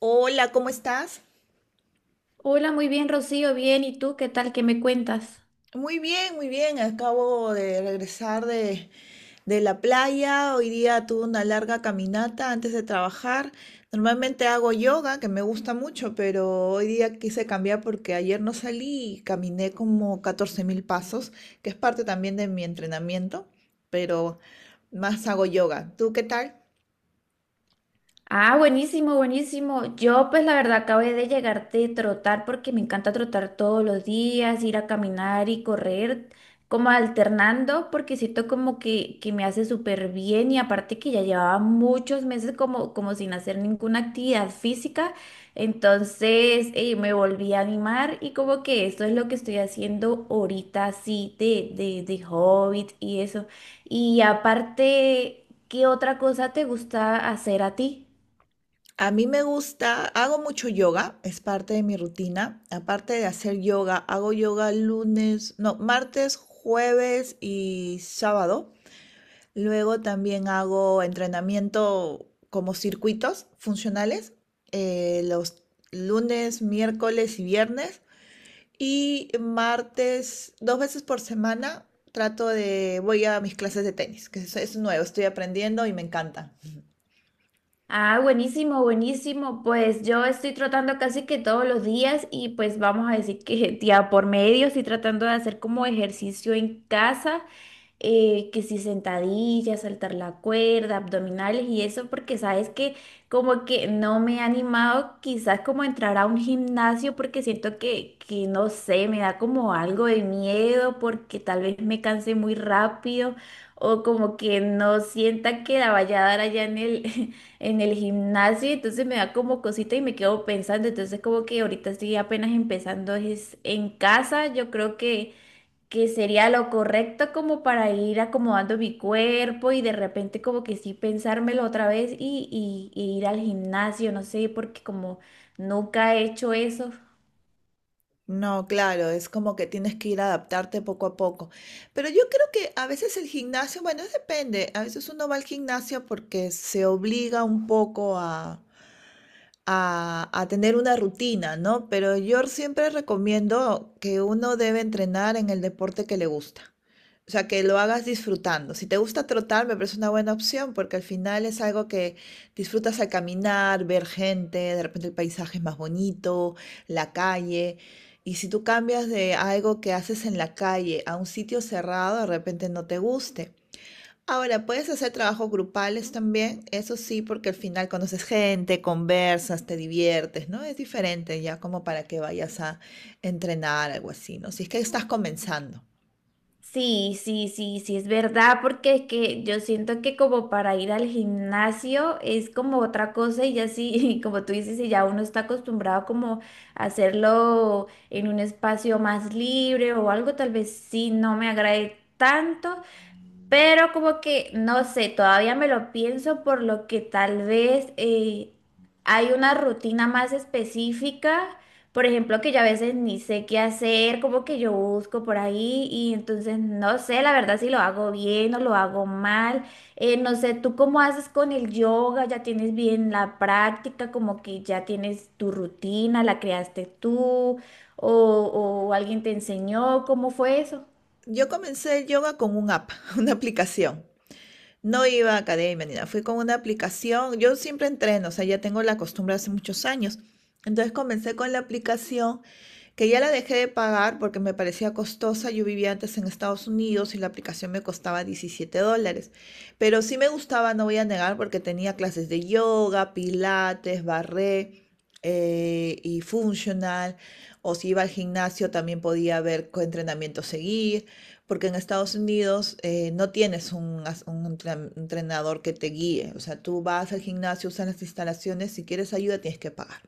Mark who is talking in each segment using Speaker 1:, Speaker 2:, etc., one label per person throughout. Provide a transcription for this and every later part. Speaker 1: Hola, ¿cómo estás?
Speaker 2: Hola, muy bien, Rocío, bien. ¿Y tú qué tal? ¿Qué me cuentas?
Speaker 1: Muy bien, muy bien. Acabo de regresar de la playa. Hoy día tuve una larga caminata antes de trabajar. Normalmente hago yoga, que me gusta mucho, pero hoy día quise cambiar porque ayer no salí y caminé como 14.000 pasos, que es parte también de mi entrenamiento, pero más hago yoga. ¿Tú qué tal?
Speaker 2: Ah, buenísimo, buenísimo. Yo pues la verdad acabé de llegar de trotar porque me encanta trotar todos los días, ir a caminar y correr, como alternando, porque siento como que me hace súper bien y aparte que ya llevaba muchos meses como, como sin hacer ninguna actividad física, entonces me volví a animar y como que esto es lo que estoy haciendo ahorita así de Hobbit y eso. Y aparte, ¿qué otra cosa te gusta hacer a ti?
Speaker 1: A mí me gusta, hago mucho yoga, es parte de mi rutina. Aparte de hacer yoga, hago yoga lunes, no, martes, jueves y sábado. Luego también hago entrenamiento como circuitos funcionales, los lunes, miércoles y viernes. Y martes, dos veces por semana, voy a mis clases de tenis, es nuevo, estoy aprendiendo y me encanta.
Speaker 2: Ah, buenísimo, buenísimo. Pues yo estoy tratando casi que todos los días y pues vamos a decir que día por medio estoy tratando de hacer como ejercicio en casa, que si sentadillas, saltar la cuerda, abdominales y eso, porque sabes que como que no me he animado quizás como a entrar a un gimnasio porque siento que no sé, me da como algo de miedo porque tal vez me canse muy rápido o como que no sienta que la vaya a dar allá en el en el gimnasio, entonces me da como cosita y me quedo pensando, entonces como que ahorita estoy apenas empezando es en casa, yo creo que sería lo correcto como para ir acomodando mi cuerpo y de repente como que sí pensármelo otra vez y ir al gimnasio, no sé, porque como nunca he hecho eso.
Speaker 1: No, claro, es como que tienes que ir a adaptarte poco a poco. Pero yo creo que a veces el gimnasio, bueno, depende, a veces uno va al gimnasio porque se obliga un poco a tener una rutina, ¿no? Pero yo siempre recomiendo que uno debe entrenar en el deporte que le gusta. O sea, que lo hagas disfrutando. Si te gusta trotar, me parece una buena opción porque al final es algo que disfrutas al caminar, ver gente, de repente el paisaje es más bonito, la calle. Y si tú cambias de algo que haces en la calle a un sitio cerrado, de repente no te guste. Ahora, puedes hacer trabajos grupales también, eso sí, porque al final conoces gente, conversas, te diviertes, ¿no? Es diferente ya como para que vayas a entrenar, algo así, ¿no? Si es que estás comenzando.
Speaker 2: Sí, sí, sí, sí, es verdad, porque es que yo siento que como para ir al gimnasio es como otra cosa y ya sí, como tú dices, y ya uno está acostumbrado como a hacerlo en un espacio más libre o algo, tal vez sí no me agrade tanto, pero como que, no sé, todavía me lo pienso por lo que tal vez hay una rutina más específica, por ejemplo, que yo a veces ni sé qué hacer, como que yo busco por ahí y entonces no sé, la verdad, si lo hago bien o lo hago mal. No sé, ¿tú cómo haces con el yoga? ¿Ya tienes bien la práctica? Como que ya tienes tu rutina, ¿la creaste tú o, o alguien te enseñó? ¿Cómo fue eso?
Speaker 1: Yo comencé el yoga con un app, una aplicación. No iba a academia ni nada, fui con una aplicación. Yo siempre entreno, o sea, ya tengo la costumbre hace muchos años. Entonces comencé con la aplicación que ya la dejé de pagar porque me parecía costosa. Yo vivía antes en Estados Unidos y la aplicación me costaba 17 dólares. Pero sí me gustaba, no voy a negar, porque tenía clases de yoga, pilates, barré y funcional, o si iba al gimnasio también podía ver qué entrenamiento seguir, porque en Estados Unidos no tienes un, entrenador que te guíe. O sea, tú vas al gimnasio, usas las instalaciones, si quieres ayuda tienes que pagar.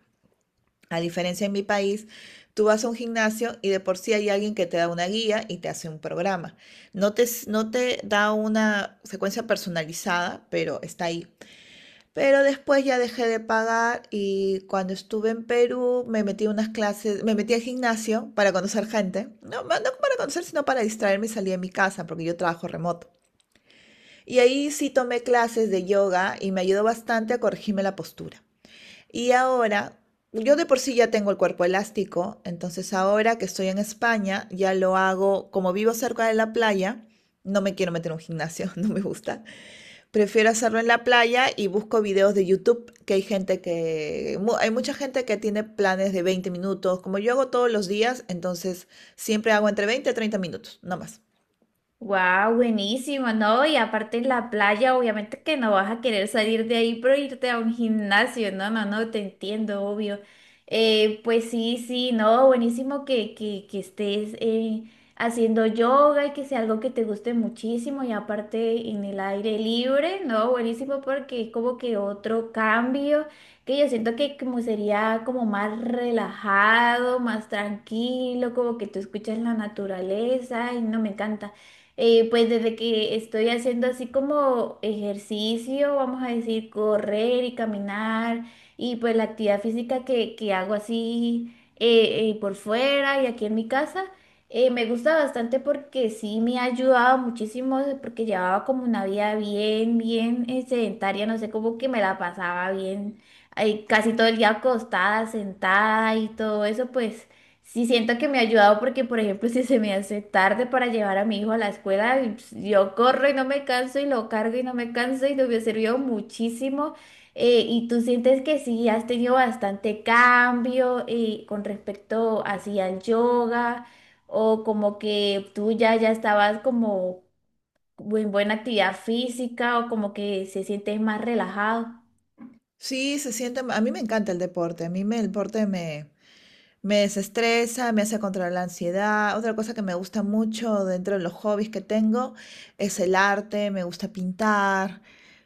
Speaker 1: A diferencia en mi país, tú vas a un gimnasio y de por sí hay alguien que te da una guía y te hace un programa. No te da una secuencia personalizada, pero está ahí. Pero después ya dejé de pagar y cuando estuve en Perú me metí a unas clases, me metí al gimnasio para conocer gente. No para conocer, sino para distraerme y salir de mi casa porque yo trabajo remoto. Y ahí sí tomé clases de yoga y me ayudó bastante a corregirme la postura. Y ahora, yo de por sí ya tengo el cuerpo elástico, entonces ahora que estoy en España ya lo hago, como vivo cerca de la playa, no me quiero meter en un gimnasio, no me gusta. Prefiero hacerlo en la playa y busco videos de YouTube, que hay hay mucha gente que tiene planes de 20 minutos. Como yo hago todos los días, entonces siempre hago entre 20 y 30 minutos, no más.
Speaker 2: Wow, buenísimo, ¿no? Y aparte en la playa, obviamente que no vas a querer salir de ahí pero irte a un gimnasio, no, no, no, te entiendo, obvio. Pues sí, sí, no, buenísimo que estés haciendo yoga y que sea algo que te guste muchísimo y aparte en el aire libre, ¿no? Buenísimo porque es como que otro cambio que yo siento que como sería como más relajado, más tranquilo, como que tú escuchas la naturaleza y no me encanta. Pues desde que estoy haciendo así como ejercicio, vamos a decir, correr y caminar, y pues la actividad física que hago así por fuera y aquí en mi casa, me gusta bastante porque sí me ha ayudado muchísimo, porque llevaba como una vida bien, bien sedentaria, no sé, como que me la pasaba bien, ay, casi todo el día acostada, sentada y todo eso, pues. Sí, siento que me ha ayudado porque, por ejemplo, si se me hace tarde para llevar a mi hijo a la escuela, y, pues, yo corro y no me canso y lo cargo y no me canso y no me sirvió muchísimo. ¿Y tú sientes que sí, has tenido bastante cambio con respecto así al yoga o como que tú ya estabas como en buena actividad física o como que se sientes más relajado?
Speaker 1: Sí, se siente, a mí me encanta el deporte, me desestresa, me hace controlar la ansiedad. Otra cosa que me gusta mucho dentro de los hobbies que tengo es el arte, me gusta pintar,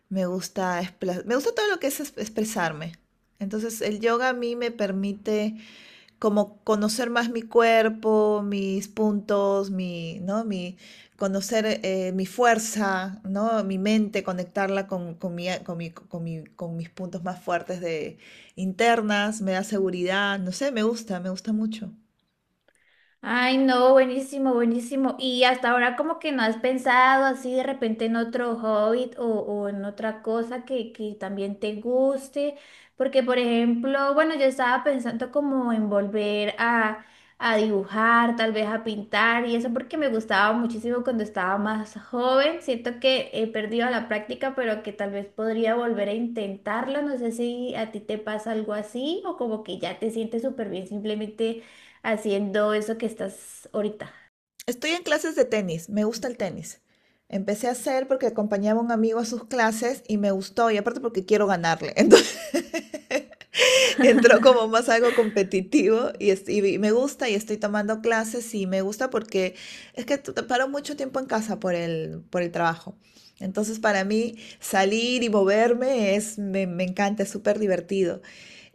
Speaker 1: me gusta todo lo que expresarme. Entonces el yoga a mí me permite como conocer más mi cuerpo, mis puntos, mi, ¿no? Mi, conocer mi fuerza, ¿no? Mi mente, conectarla con mis puntos más fuertes de internas, me da seguridad, no sé, me gusta mucho.
Speaker 2: Ay, no, buenísimo, buenísimo. ¿Y hasta ahora como que no has pensado así de repente en otro hobby o en otra cosa que también te guste? Porque, por ejemplo, bueno, yo estaba pensando como en volver a dibujar, tal vez a pintar y eso porque me gustaba muchísimo cuando estaba más joven. Siento que he perdido la práctica, pero que tal vez podría volver a intentarlo. No sé si a ti te pasa algo así o como que ya te sientes súper bien simplemente haciendo eso que estás ahorita.
Speaker 1: Estoy en clases de tenis, me gusta el tenis. Empecé a hacer porque acompañaba a un amigo a sus clases y me gustó, y aparte porque quiero ganarle. Entonces entró como más algo competitivo y me gusta y estoy tomando clases y me gusta porque paro mucho tiempo en casa por el trabajo. Entonces para mí salir y moverme me encanta, es súper divertido.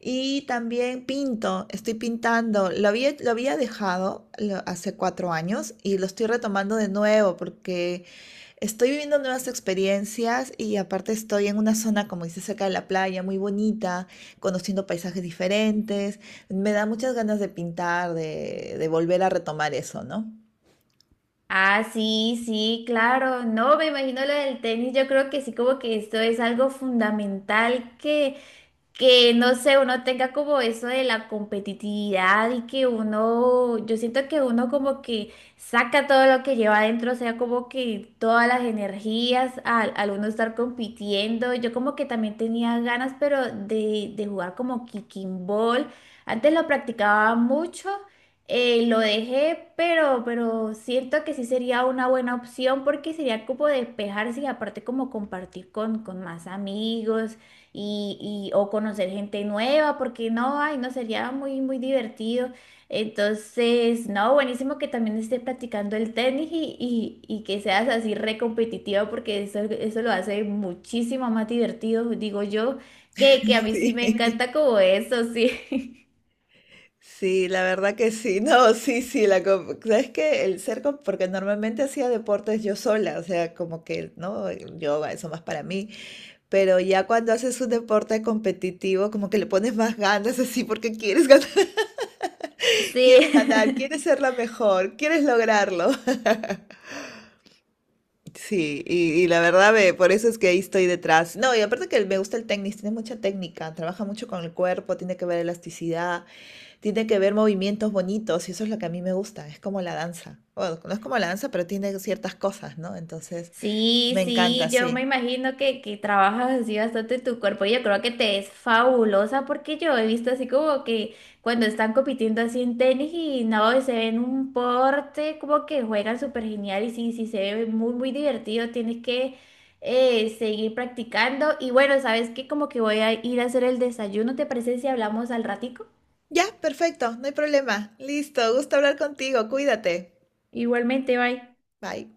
Speaker 1: Y también pinto, estoy pintando. Lo había dejado hace 4 años y lo estoy retomando de nuevo porque estoy viviendo nuevas experiencias y aparte estoy en una zona, como dice, cerca de la playa, muy bonita, conociendo paisajes diferentes. Me da muchas ganas de pintar, de volver a retomar eso, ¿no?
Speaker 2: Ah, sí, sí, claro. No, me imagino lo del tenis. Yo creo que sí, como que esto es algo fundamental que no sé, uno tenga como eso de la competitividad y que uno, yo siento que uno como que saca todo lo que lleva adentro, o sea, como que todas las energías al, al uno estar compitiendo. Yo como que también tenía ganas, pero de jugar como kicking ball. Antes lo practicaba mucho. Lo dejé, pero siento que sí sería una buena opción porque sería como despejarse y aparte como compartir con más amigos y, y- o conocer gente nueva, porque no, ay, no sería muy, muy divertido. Entonces, no, buenísimo que también esté practicando el tenis y que seas así re competitiva, porque eso lo hace muchísimo más divertido, digo yo, que a mí sí me
Speaker 1: Sí.
Speaker 2: encanta como eso, sí.
Speaker 1: Sí, la verdad que sí. No, sí, sí, la com- ¿sabes que porque normalmente hacía deportes yo sola, o sea, como que, ¿no? El Yoga, eso más para mí, pero ya cuando haces un deporte competitivo, como que le pones más ganas así porque quieres ganar,
Speaker 2: Sí.
Speaker 1: quieres ganar, quieres ser la mejor, quieres lograrlo. Sí, y la verdad, ve, por eso es que ahí estoy detrás. No, y aparte que me gusta el tenis, tiene mucha técnica, trabaja mucho con el cuerpo, tiene que ver elasticidad. Tiene que ver movimientos bonitos y eso es lo que a mí me gusta, es como la danza. Bueno, no es como la danza, pero tiene ciertas cosas, ¿no? Entonces, me
Speaker 2: Sí,
Speaker 1: encanta,
Speaker 2: sí, yo me
Speaker 1: sí.
Speaker 2: imagino que trabajas así bastante tu cuerpo y yo creo que te es fabulosa porque yo he visto así como que cuando están compitiendo así en tenis y no, se ven un porte, como que juegan súper genial y sí, sí, se ve muy, muy divertido, tienes que seguir practicando y bueno, sabes que como que voy a ir a hacer el desayuno, ¿te parece si hablamos al ratico?
Speaker 1: Ya, perfecto, no hay problema. Listo, gusto hablar contigo, cuídate.
Speaker 2: Igualmente, bye.
Speaker 1: Bye.